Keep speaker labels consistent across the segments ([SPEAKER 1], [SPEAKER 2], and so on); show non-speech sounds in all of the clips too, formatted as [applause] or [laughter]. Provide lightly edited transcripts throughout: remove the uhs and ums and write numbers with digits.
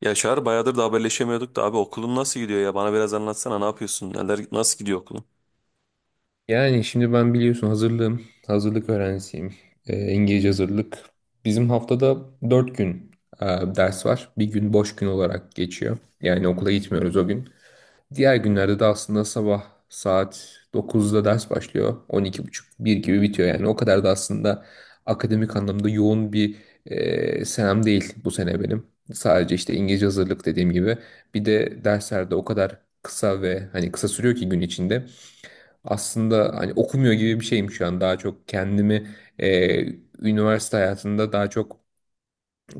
[SPEAKER 1] Ya Çağrı bayağıdır da haberleşemiyorduk da abi, okulun nasıl gidiyor ya? Bana biraz anlatsana, ne yapıyorsun? Neler, nasıl gidiyor okulun?
[SPEAKER 2] Yani şimdi ben biliyorsun hazırlığım, hazırlık öğrencisiyim. İngilizce hazırlık. Bizim haftada 4 gün e, ders var. Bir gün boş gün olarak geçiyor. Yani okula gitmiyoruz o gün. Diğer günlerde de aslında sabah saat 9'da ders başlıyor. 12.30, bir gibi bitiyor yani. O kadar da aslında akademik anlamda yoğun bir senem değil bu sene benim. Sadece işte İngilizce hazırlık dediğim gibi. Bir de derslerde o kadar kısa ve hani kısa sürüyor ki gün içinde. Aslında hani okumuyor gibi bir şeyim şu an. Daha çok kendimi e, üniversite hayatında daha çok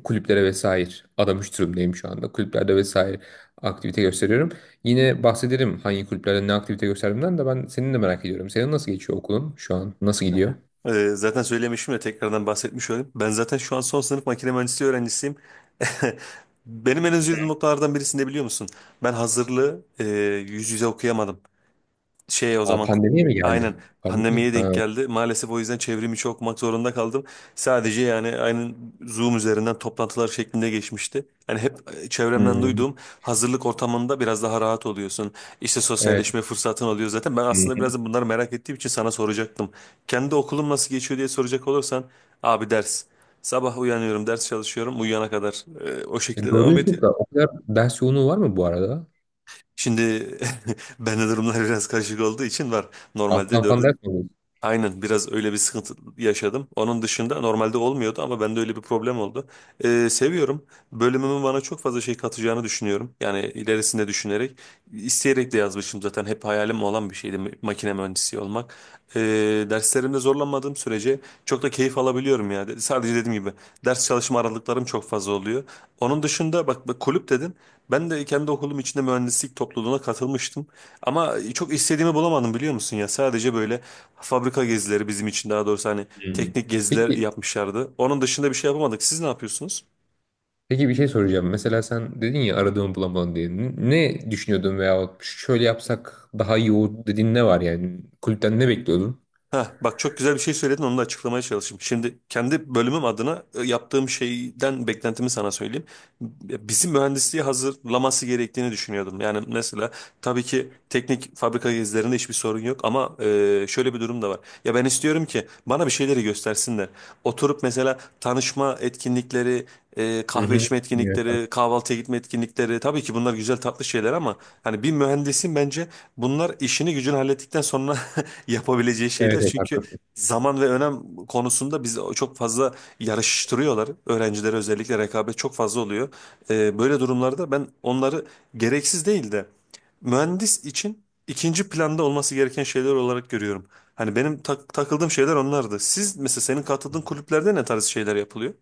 [SPEAKER 2] kulüplere vesaire adamış durumdayım şu anda. Kulüplerde vesaire aktivite gösteriyorum. Yine bahsederim hangi kulüplerde ne aktivite gösterdiğimden de ben senin de merak ediyorum. Senin nasıl geçiyor okulun şu an? Nasıl gidiyor?
[SPEAKER 1] Zaten söylemişim de tekrardan bahsetmiş olayım. Ben zaten şu an son sınıf makine mühendisliği öğrencisiyim. [laughs] Benim en üzüldüğüm noktalardan birisini de biliyor musun? Ben hazırlığı yüz yüze okuyamadım. Şey, o
[SPEAKER 2] Aa,
[SPEAKER 1] zaman
[SPEAKER 2] pandemiye mi geldi?
[SPEAKER 1] aynen,
[SPEAKER 2] Pandemiye mi?
[SPEAKER 1] pandemiye
[SPEAKER 2] Ha.
[SPEAKER 1] denk geldi. Maalesef o yüzden çevrimi içi okumak zorunda kaldım. Sadece yani aynen Zoom üzerinden toplantılar şeklinde geçmişti. Yani hep, çevremden
[SPEAKER 2] Hmm,
[SPEAKER 1] duyduğum hazırlık ortamında biraz daha rahat oluyorsun. İşte
[SPEAKER 2] evet.
[SPEAKER 1] sosyalleşme fırsatın oluyor zaten. Ben
[SPEAKER 2] Hı
[SPEAKER 1] aslında
[SPEAKER 2] hı.
[SPEAKER 1] biraz da bunları merak ettiğim için sana soracaktım. Kendi okulum nasıl geçiyor diye soracak olursan abi, ders. Sabah uyanıyorum, ders çalışıyorum, uyuyana kadar o
[SPEAKER 2] E,
[SPEAKER 1] şekilde devam
[SPEAKER 2] doğru,
[SPEAKER 1] ediyor.
[SPEAKER 2] çok da o kadar ders yoğunluğu var mı bu arada?
[SPEAKER 1] Şimdi [laughs] ben de durumlar biraz karışık olduğu için var. Normalde
[SPEAKER 2] Alttan
[SPEAKER 1] dört
[SPEAKER 2] falan ders mi alıyorsun?
[SPEAKER 1] Aynen, biraz öyle bir sıkıntı yaşadım. Onun dışında normalde olmuyordu ama bende öyle bir problem oldu. Seviyorum, bölümümün bana çok fazla şey katacağını düşünüyorum. Yani ilerisinde düşünerek, isteyerek de yazmışım, zaten hep hayalim olan bir şeydi makine mühendisi olmak. Ee, Derslerimde zorlanmadığım sürece çok da keyif alabiliyorum ya. Sadece dediğim gibi, ders çalışma aralıklarım çok fazla oluyor. Onun dışında bak, bak, kulüp dedin. Ben de kendi okulum içinde mühendislik topluluğuna katılmıştım. Ama çok istediğimi bulamadım, biliyor musun ya. Sadece böyle fabrika gezileri bizim için, daha doğrusu hani
[SPEAKER 2] Hmm.
[SPEAKER 1] teknik geziler
[SPEAKER 2] Peki
[SPEAKER 1] yapmışlardı. Onun dışında bir şey yapamadık. Siz ne yapıyorsunuz?
[SPEAKER 2] Peki, bir şey soracağım. Mesela sen dedin ya aradığımı bulamadın diye. Ne düşünüyordun veya şöyle yapsak daha iyi olur dediğin ne var yani? Kulüpten ne bekliyordun?
[SPEAKER 1] Ha, bak, çok güzel bir şey söyledin, onu da açıklamaya çalışayım. Şimdi kendi bölümüm adına yaptığım şeyden beklentimi sana söyleyeyim. Bizim mühendisliği hazırlaması gerektiğini düşünüyordum. Yani mesela tabii ki teknik fabrika gezilerinde hiçbir sorun yok ama şöyle bir durum da var. Ya ben istiyorum ki bana bir şeyleri göstersinler. Oturup mesela tanışma etkinlikleri,
[SPEAKER 2] Hı
[SPEAKER 1] kahve
[SPEAKER 2] hı.
[SPEAKER 1] içme
[SPEAKER 2] Evet, tamam.
[SPEAKER 1] etkinlikleri, kahvaltıya gitme etkinlikleri, tabii ki bunlar güzel tatlı şeyler ama hani bir mühendisin bence bunlar işini gücünü hallettikten sonra yapabileceği
[SPEAKER 2] Evet,
[SPEAKER 1] şeyler.
[SPEAKER 2] evet,
[SPEAKER 1] Çünkü
[SPEAKER 2] haklısın.
[SPEAKER 1] zaman ve önem konusunda bizi çok fazla yarıştırıyorlar. Öğrencilere özellikle rekabet çok fazla oluyor. Böyle durumlarda ben onları gereksiz değil de mühendis için ikinci planda olması gereken şeyler olarak görüyorum. Hani benim takıldığım şeyler onlardı. Siz mesela, senin katıldığın kulüplerde ne tarz şeyler yapılıyor?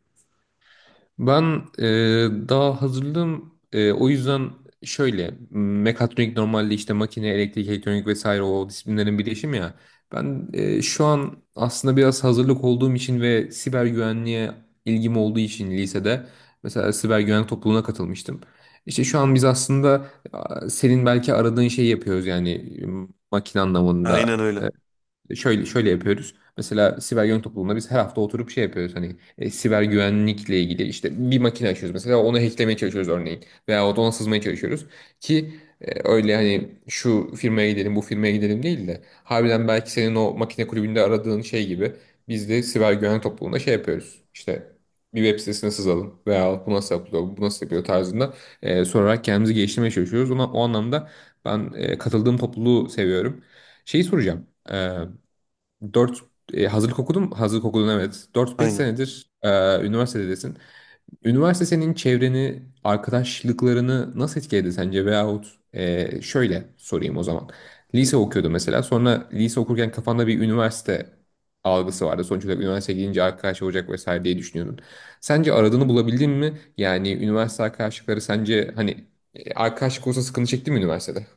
[SPEAKER 2] Ben daha hazırlığım, o yüzden şöyle, mekatronik normalde işte makine, elektrik, elektronik vesaire o disiplinlerin birleşimi ya. Ben şu an aslında biraz hazırlık olduğum için ve siber güvenliğe ilgim olduğu için lisede mesela siber güvenlik topluluğuna katılmıştım. İşte şu an biz aslında, senin belki aradığın şeyi yapıyoruz yani, makine
[SPEAKER 1] Aynen
[SPEAKER 2] anlamında.
[SPEAKER 1] öyle.
[SPEAKER 2] Şöyle şöyle yapıyoruz. Mesela siber güvenlik topluluğunda biz her hafta oturup şey yapıyoruz. Hani, siber güvenlikle ilgili işte bir makine açıyoruz, mesela onu hacklemeye çalışıyoruz örneğin. Veya ona sızmaya çalışıyoruz. Ki öyle, hani şu firmaya gidelim bu firmaya gidelim değil de harbiden belki senin o makine kulübünde aradığın şey gibi biz de siber güvenlik topluluğunda şey yapıyoruz. İşte bir web sitesine sızalım veya bu nasıl yapılıyor, bu nasıl yapıyor tarzında sorarak kendimizi geliştirmeye çalışıyoruz. Ona, o anlamda ben katıldığım topluluğu seviyorum. Şeyi soracağım. Dört Hazırlık okudum, hazırlık okudun evet. Dört beş
[SPEAKER 1] Aynen.
[SPEAKER 2] senedir üniversitedesin. Üniversite senin çevreni, arkadaşlıklarını nasıl etkiledi sence? Veyahut şöyle sorayım o zaman. Lise okuyordu mesela. Sonra lise okurken kafanda bir üniversite algısı vardı. Sonuç olarak üniversiteye gidince arkadaş olacak vesaire diye düşünüyordun. Sence aradığını bulabildin mi? Yani üniversite arkadaşlıkları sence hani, arkadaşlık olsa sıkıntı çekti mi üniversitede?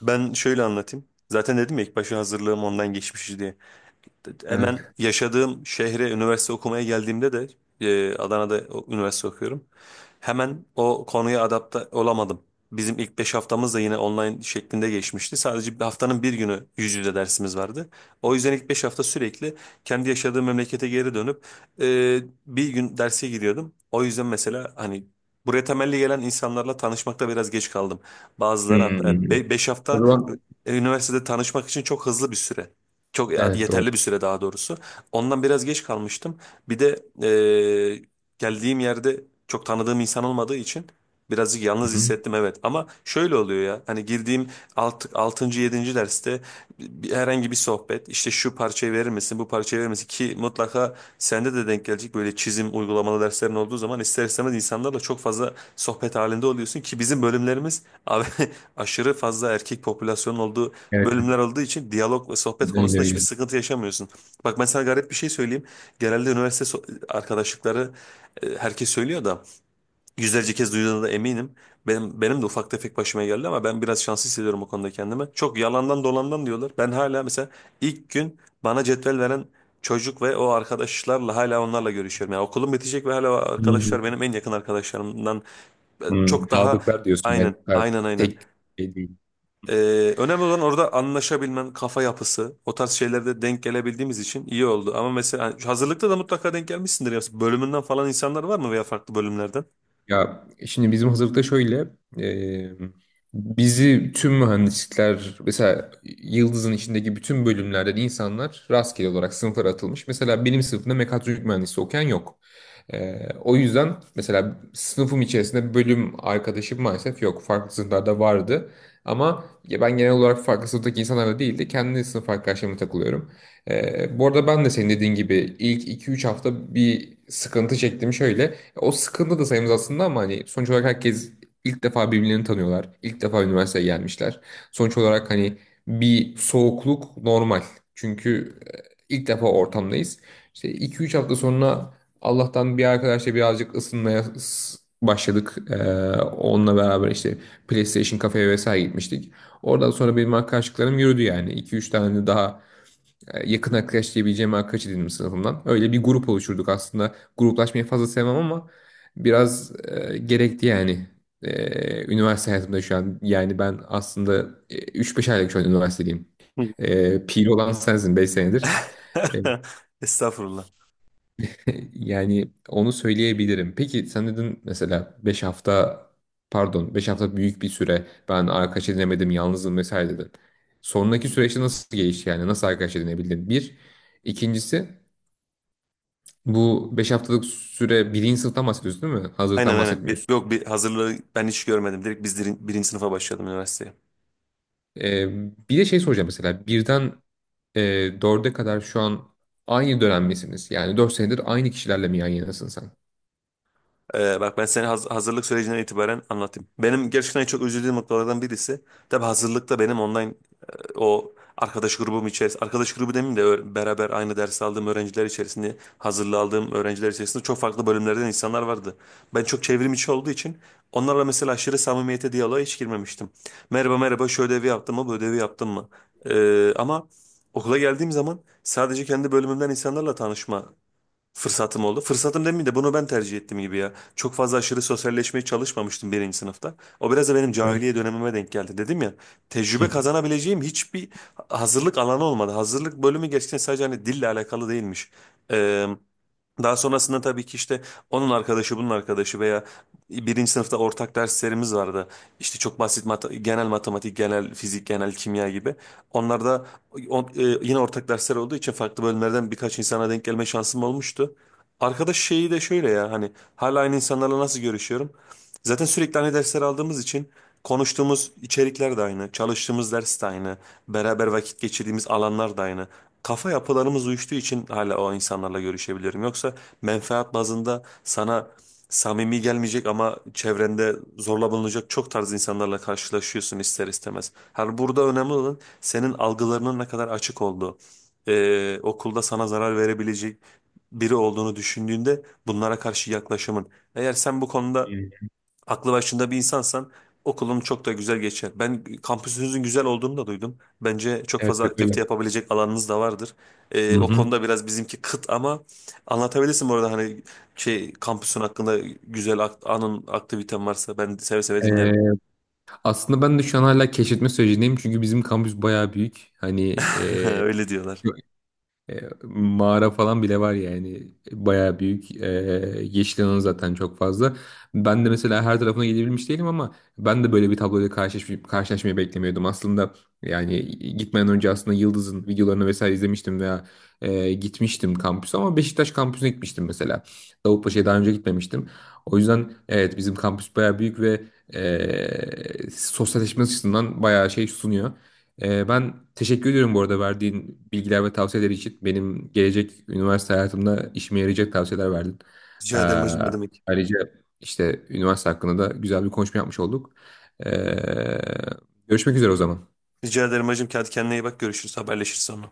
[SPEAKER 1] Ben şöyle anlatayım. Zaten dedim ya, ilk başta hazırlığım ondan geçmiş diye. Hemen
[SPEAKER 2] Evet.
[SPEAKER 1] yaşadığım şehre üniversite okumaya geldiğimde de, Adana'da üniversite okuyorum. Hemen o konuya adapte olamadım. Bizim ilk 5 haftamız da yine online şeklinde geçmişti. Sadece bir haftanın bir günü yüz yüze dersimiz vardı. O yüzden ilk 5 hafta sürekli kendi yaşadığım memlekete geri dönüp e, bir gün derse giriyordum. O yüzden mesela hani buraya temelli gelen insanlarla tanışmakta biraz geç kaldım. Bazıları hatta
[SPEAKER 2] Hmm.
[SPEAKER 1] 5
[SPEAKER 2] O
[SPEAKER 1] hafta,
[SPEAKER 2] zaman
[SPEAKER 1] üniversitede tanışmak için çok hızlı bir süre.
[SPEAKER 2] evet.
[SPEAKER 1] Çok
[SPEAKER 2] Evet, doğru.
[SPEAKER 1] yeterli bir süre daha doğrusu. Ondan biraz geç kalmıştım. Bir de e, geldiğim yerde çok tanıdığım insan olmadığı için birazcık
[SPEAKER 2] Hı
[SPEAKER 1] yalnız
[SPEAKER 2] hı.
[SPEAKER 1] hissettim, evet. Ama şöyle oluyor ya, hani girdiğim 6. yedinci derste herhangi bir sohbet, işte şu parçayı verir misin, bu parçayı verir misin, ki mutlaka sende de denk gelecek, böyle çizim uygulamalı derslerin olduğu zaman ister istemez insanlarla çok fazla sohbet halinde oluyorsun ki bizim bölümlerimiz abi, [laughs] aşırı fazla erkek popülasyonun olduğu
[SPEAKER 2] Evet.
[SPEAKER 1] bölümler olduğu için diyalog ve sohbet
[SPEAKER 2] Öyle
[SPEAKER 1] konusunda hiçbir
[SPEAKER 2] öyle.
[SPEAKER 1] sıkıntı yaşamıyorsun. Bak, ben sana garip bir şey söyleyeyim. Genelde üniversite arkadaşlıkları, herkes söylüyor da yüzlerce kez duyduğuna da eminim. Benim de ufak tefek başıma geldi ama ben biraz şanslı hissediyorum o konuda kendimi. Çok yalandan dolandan diyorlar. Ben hala mesela ilk gün bana cetvel veren çocuk ve o arkadaşlarla, hala onlarla görüşüyorum. Yani okulum bitecek ve hala o arkadaşlar
[SPEAKER 2] Hmm.
[SPEAKER 1] benim en yakın arkadaşlarımdan. E,
[SPEAKER 2] Hmm,
[SPEAKER 1] çok daha
[SPEAKER 2] kağıtlıklar diyorsun yani.
[SPEAKER 1] aynen
[SPEAKER 2] Ha,
[SPEAKER 1] aynen aynen.
[SPEAKER 2] tek şey değil.
[SPEAKER 1] Önemli olan orada anlaşabilmen, kafa yapısı, o tarz şeylerde denk gelebildiğimiz için iyi oldu. Ama mesela hani hazırlıkta da mutlaka denk gelmişsindir ya. Bölümünden falan insanlar var mı veya farklı bölümlerden?
[SPEAKER 2] Ya şimdi bizim hazırlıkta şöyle, e, bizi tüm mühendislikler, mesela Yıldız'ın içindeki bütün bölümlerden insanlar rastgele olarak sınıflara atılmış. Mesela benim sınıfımda mekatronik mühendisi okuyan yok. O yüzden mesela sınıfım içerisinde bölüm arkadaşım maalesef yok. Farklı sınıflarda vardı. Ama ya ben genel olarak farklı sınıftaki insanlarla değil de kendi sınıf arkadaşlarımla takılıyorum. Bu arada ben de senin dediğin gibi ilk 2-3 hafta bir sıkıntı çektim şöyle. O sıkıntı da sayımız aslında, ama hani sonuç olarak herkes ilk defa birbirlerini tanıyorlar. İlk defa üniversiteye gelmişler. Sonuç olarak hani bir soğukluk normal. Çünkü ilk defa ortamdayız. İşte 2-3 hafta sonra Allah'tan bir arkadaşla birazcık ısınmaya başladık. Onunla beraber işte PlayStation kafeye vesaire gitmiştik. Oradan sonra benim arkadaşlıklarım yürüdü yani. 2-3 tane daha yakın arkadaş diyebileceğim arkadaş edindim sınıfımdan. Öyle bir grup oluşturduk aslında. Gruplaşmayı fazla sevmem ama biraz gerekti yani. Üniversite hayatımda şu an, yani ben aslında 3-5 aylık şu an üniversitedeyim.
[SPEAKER 1] Hı.
[SPEAKER 2] Piri olan sensin, 5 senedir. E,
[SPEAKER 1] [laughs] Estağfurullah.
[SPEAKER 2] [laughs] Yani onu söyleyebilirim. Peki sen dedin mesela, 5 hafta büyük bir süre, ben arkadaş edinemedim, yalnızım vesaire dedin. Sonraki süreçte nasıl gelişti, yani nasıl arkadaş edinebildin? Bir. İkincisi, bu 5 haftalık süre, birinci sınıftan bahsediyorsun değil mi?
[SPEAKER 1] Aynen,
[SPEAKER 2] Hazırlıktan
[SPEAKER 1] aynen.
[SPEAKER 2] bahsetmiyorsun.
[SPEAKER 1] Yok, bir hazırlığı ben hiç görmedim. Direkt biz birinci sınıfa başladım üniversiteye.
[SPEAKER 2] Ee, bir de şey soracağım, mesela birden e, dörde kadar, şu an aynı dönem misiniz? Yani 4 senedir aynı kişilerle mi yan yanasın sen?
[SPEAKER 1] Bak, ben seni hazırlık sürecinden itibaren anlatayım. Benim gerçekten çok üzüldüğüm noktalardan birisi. Tabii hazırlıkta benim online o arkadaş grubum içerisinde, arkadaş grubu demeyeyim de beraber aynı ders aldığım öğrenciler içerisinde, hazırlı aldığım öğrenciler içerisinde çok farklı bölümlerden insanlar vardı. Ben çok çevrim içi olduğu için onlarla mesela aşırı samimiyete, diyaloğa hiç girmemiştim. Merhaba merhaba, şu ödevi yaptın mı, bu ödevi yaptın mı? Ama okula geldiğim zaman sadece kendi bölümümden insanlarla tanışma fırsatım oldu. Fırsatım demeyeyim de bunu ben tercih ettim gibi ya. Çok fazla aşırı sosyalleşmeye çalışmamıştım birinci sınıfta. O biraz da benim
[SPEAKER 2] Evet.
[SPEAKER 1] cahiliye dönemime denk geldi. Dedim ya,
[SPEAKER 2] [laughs]
[SPEAKER 1] tecrübe
[SPEAKER 2] Hı.
[SPEAKER 1] kazanabileceğim hiçbir hazırlık alanı olmadı. Hazırlık bölümü gerçekten sadece hani dille alakalı değilmiş. Daha sonrasında tabii ki işte onun arkadaşı bunun arkadaşı veya birinci sınıfta ortak derslerimiz vardı. İşte çok basit, genel matematik, genel fizik, genel kimya gibi. Onlar da yine ortak dersler olduğu için farklı bölümlerden birkaç insana denk gelme şansım olmuştu. Arkadaş şeyi de şöyle ya, hani hala aynı insanlarla nasıl görüşüyorum? Zaten sürekli aynı dersler aldığımız için konuştuğumuz içerikler de aynı, çalıştığımız ders de aynı, beraber vakit geçirdiğimiz alanlar da aynı, kafa yapılarımız uyuştuğu için hala o insanlarla görüşebilirim. Yoksa menfaat bazında sana samimi gelmeyecek ama çevrende zorla bulunacak çok tarz insanlarla karşılaşıyorsun ister istemez. Her burada önemli olan senin algılarının ne kadar açık olduğu. Okulda sana zarar verebilecek biri olduğunu düşündüğünde bunlara karşı yaklaşımın. Eğer sen bu konuda
[SPEAKER 2] Evet,
[SPEAKER 1] aklı başında bir insansan okulun çok da güzel geçer. Ben kampüsünüzün güzel olduğunu da duydum. Bence çok
[SPEAKER 2] evet
[SPEAKER 1] fazla
[SPEAKER 2] öyle.
[SPEAKER 1] aktivite yapabilecek alanınız da vardır.
[SPEAKER 2] Hı
[SPEAKER 1] O
[SPEAKER 2] hı.
[SPEAKER 1] konuda biraz bizimki kıt ama anlatabilirsin bu arada, hani şey, kampüsün hakkında güzel aktiviten varsa ben seve seve
[SPEAKER 2] Ee,
[SPEAKER 1] dinlerim.
[SPEAKER 2] aslında ben de şu an hala keşfetme sürecindeyim, çünkü bizim kampüs bayağı büyük. Hani,
[SPEAKER 1] [laughs] Öyle diyorlar.
[SPEAKER 2] Mağara falan bile var yani, bayağı büyük, yeşil alanı zaten çok fazla. Ben de mesela her tarafına gidebilmiş değilim, ama ben de böyle bir tabloyla karşılaşmayı beklemiyordum. Aslında yani, gitmeden önce aslında Yıldız'ın videolarını vesaire izlemiştim, veya gitmiştim kampüse, ama Beşiktaş kampüsüne gitmiştim mesela. Davutpaşa'ya daha önce gitmemiştim. O yüzden evet, bizim kampüs bayağı büyük ve sosyalleşme açısından bayağı şey sunuyor. Ben teşekkür ediyorum bu arada verdiğin bilgiler ve tavsiyeler için. Benim gelecek üniversite hayatımda işime yarayacak tavsiyeler verdin. Ee,
[SPEAKER 1] Rica ederim hacım, ne demek.
[SPEAKER 2] ayrıca işte üniversite hakkında da güzel bir konuşma yapmış olduk. Ee, görüşmek üzere o zaman.
[SPEAKER 1] Rica ederim hacım. Hadi kendine iyi bak, görüşürüz, haberleşiriz sonra.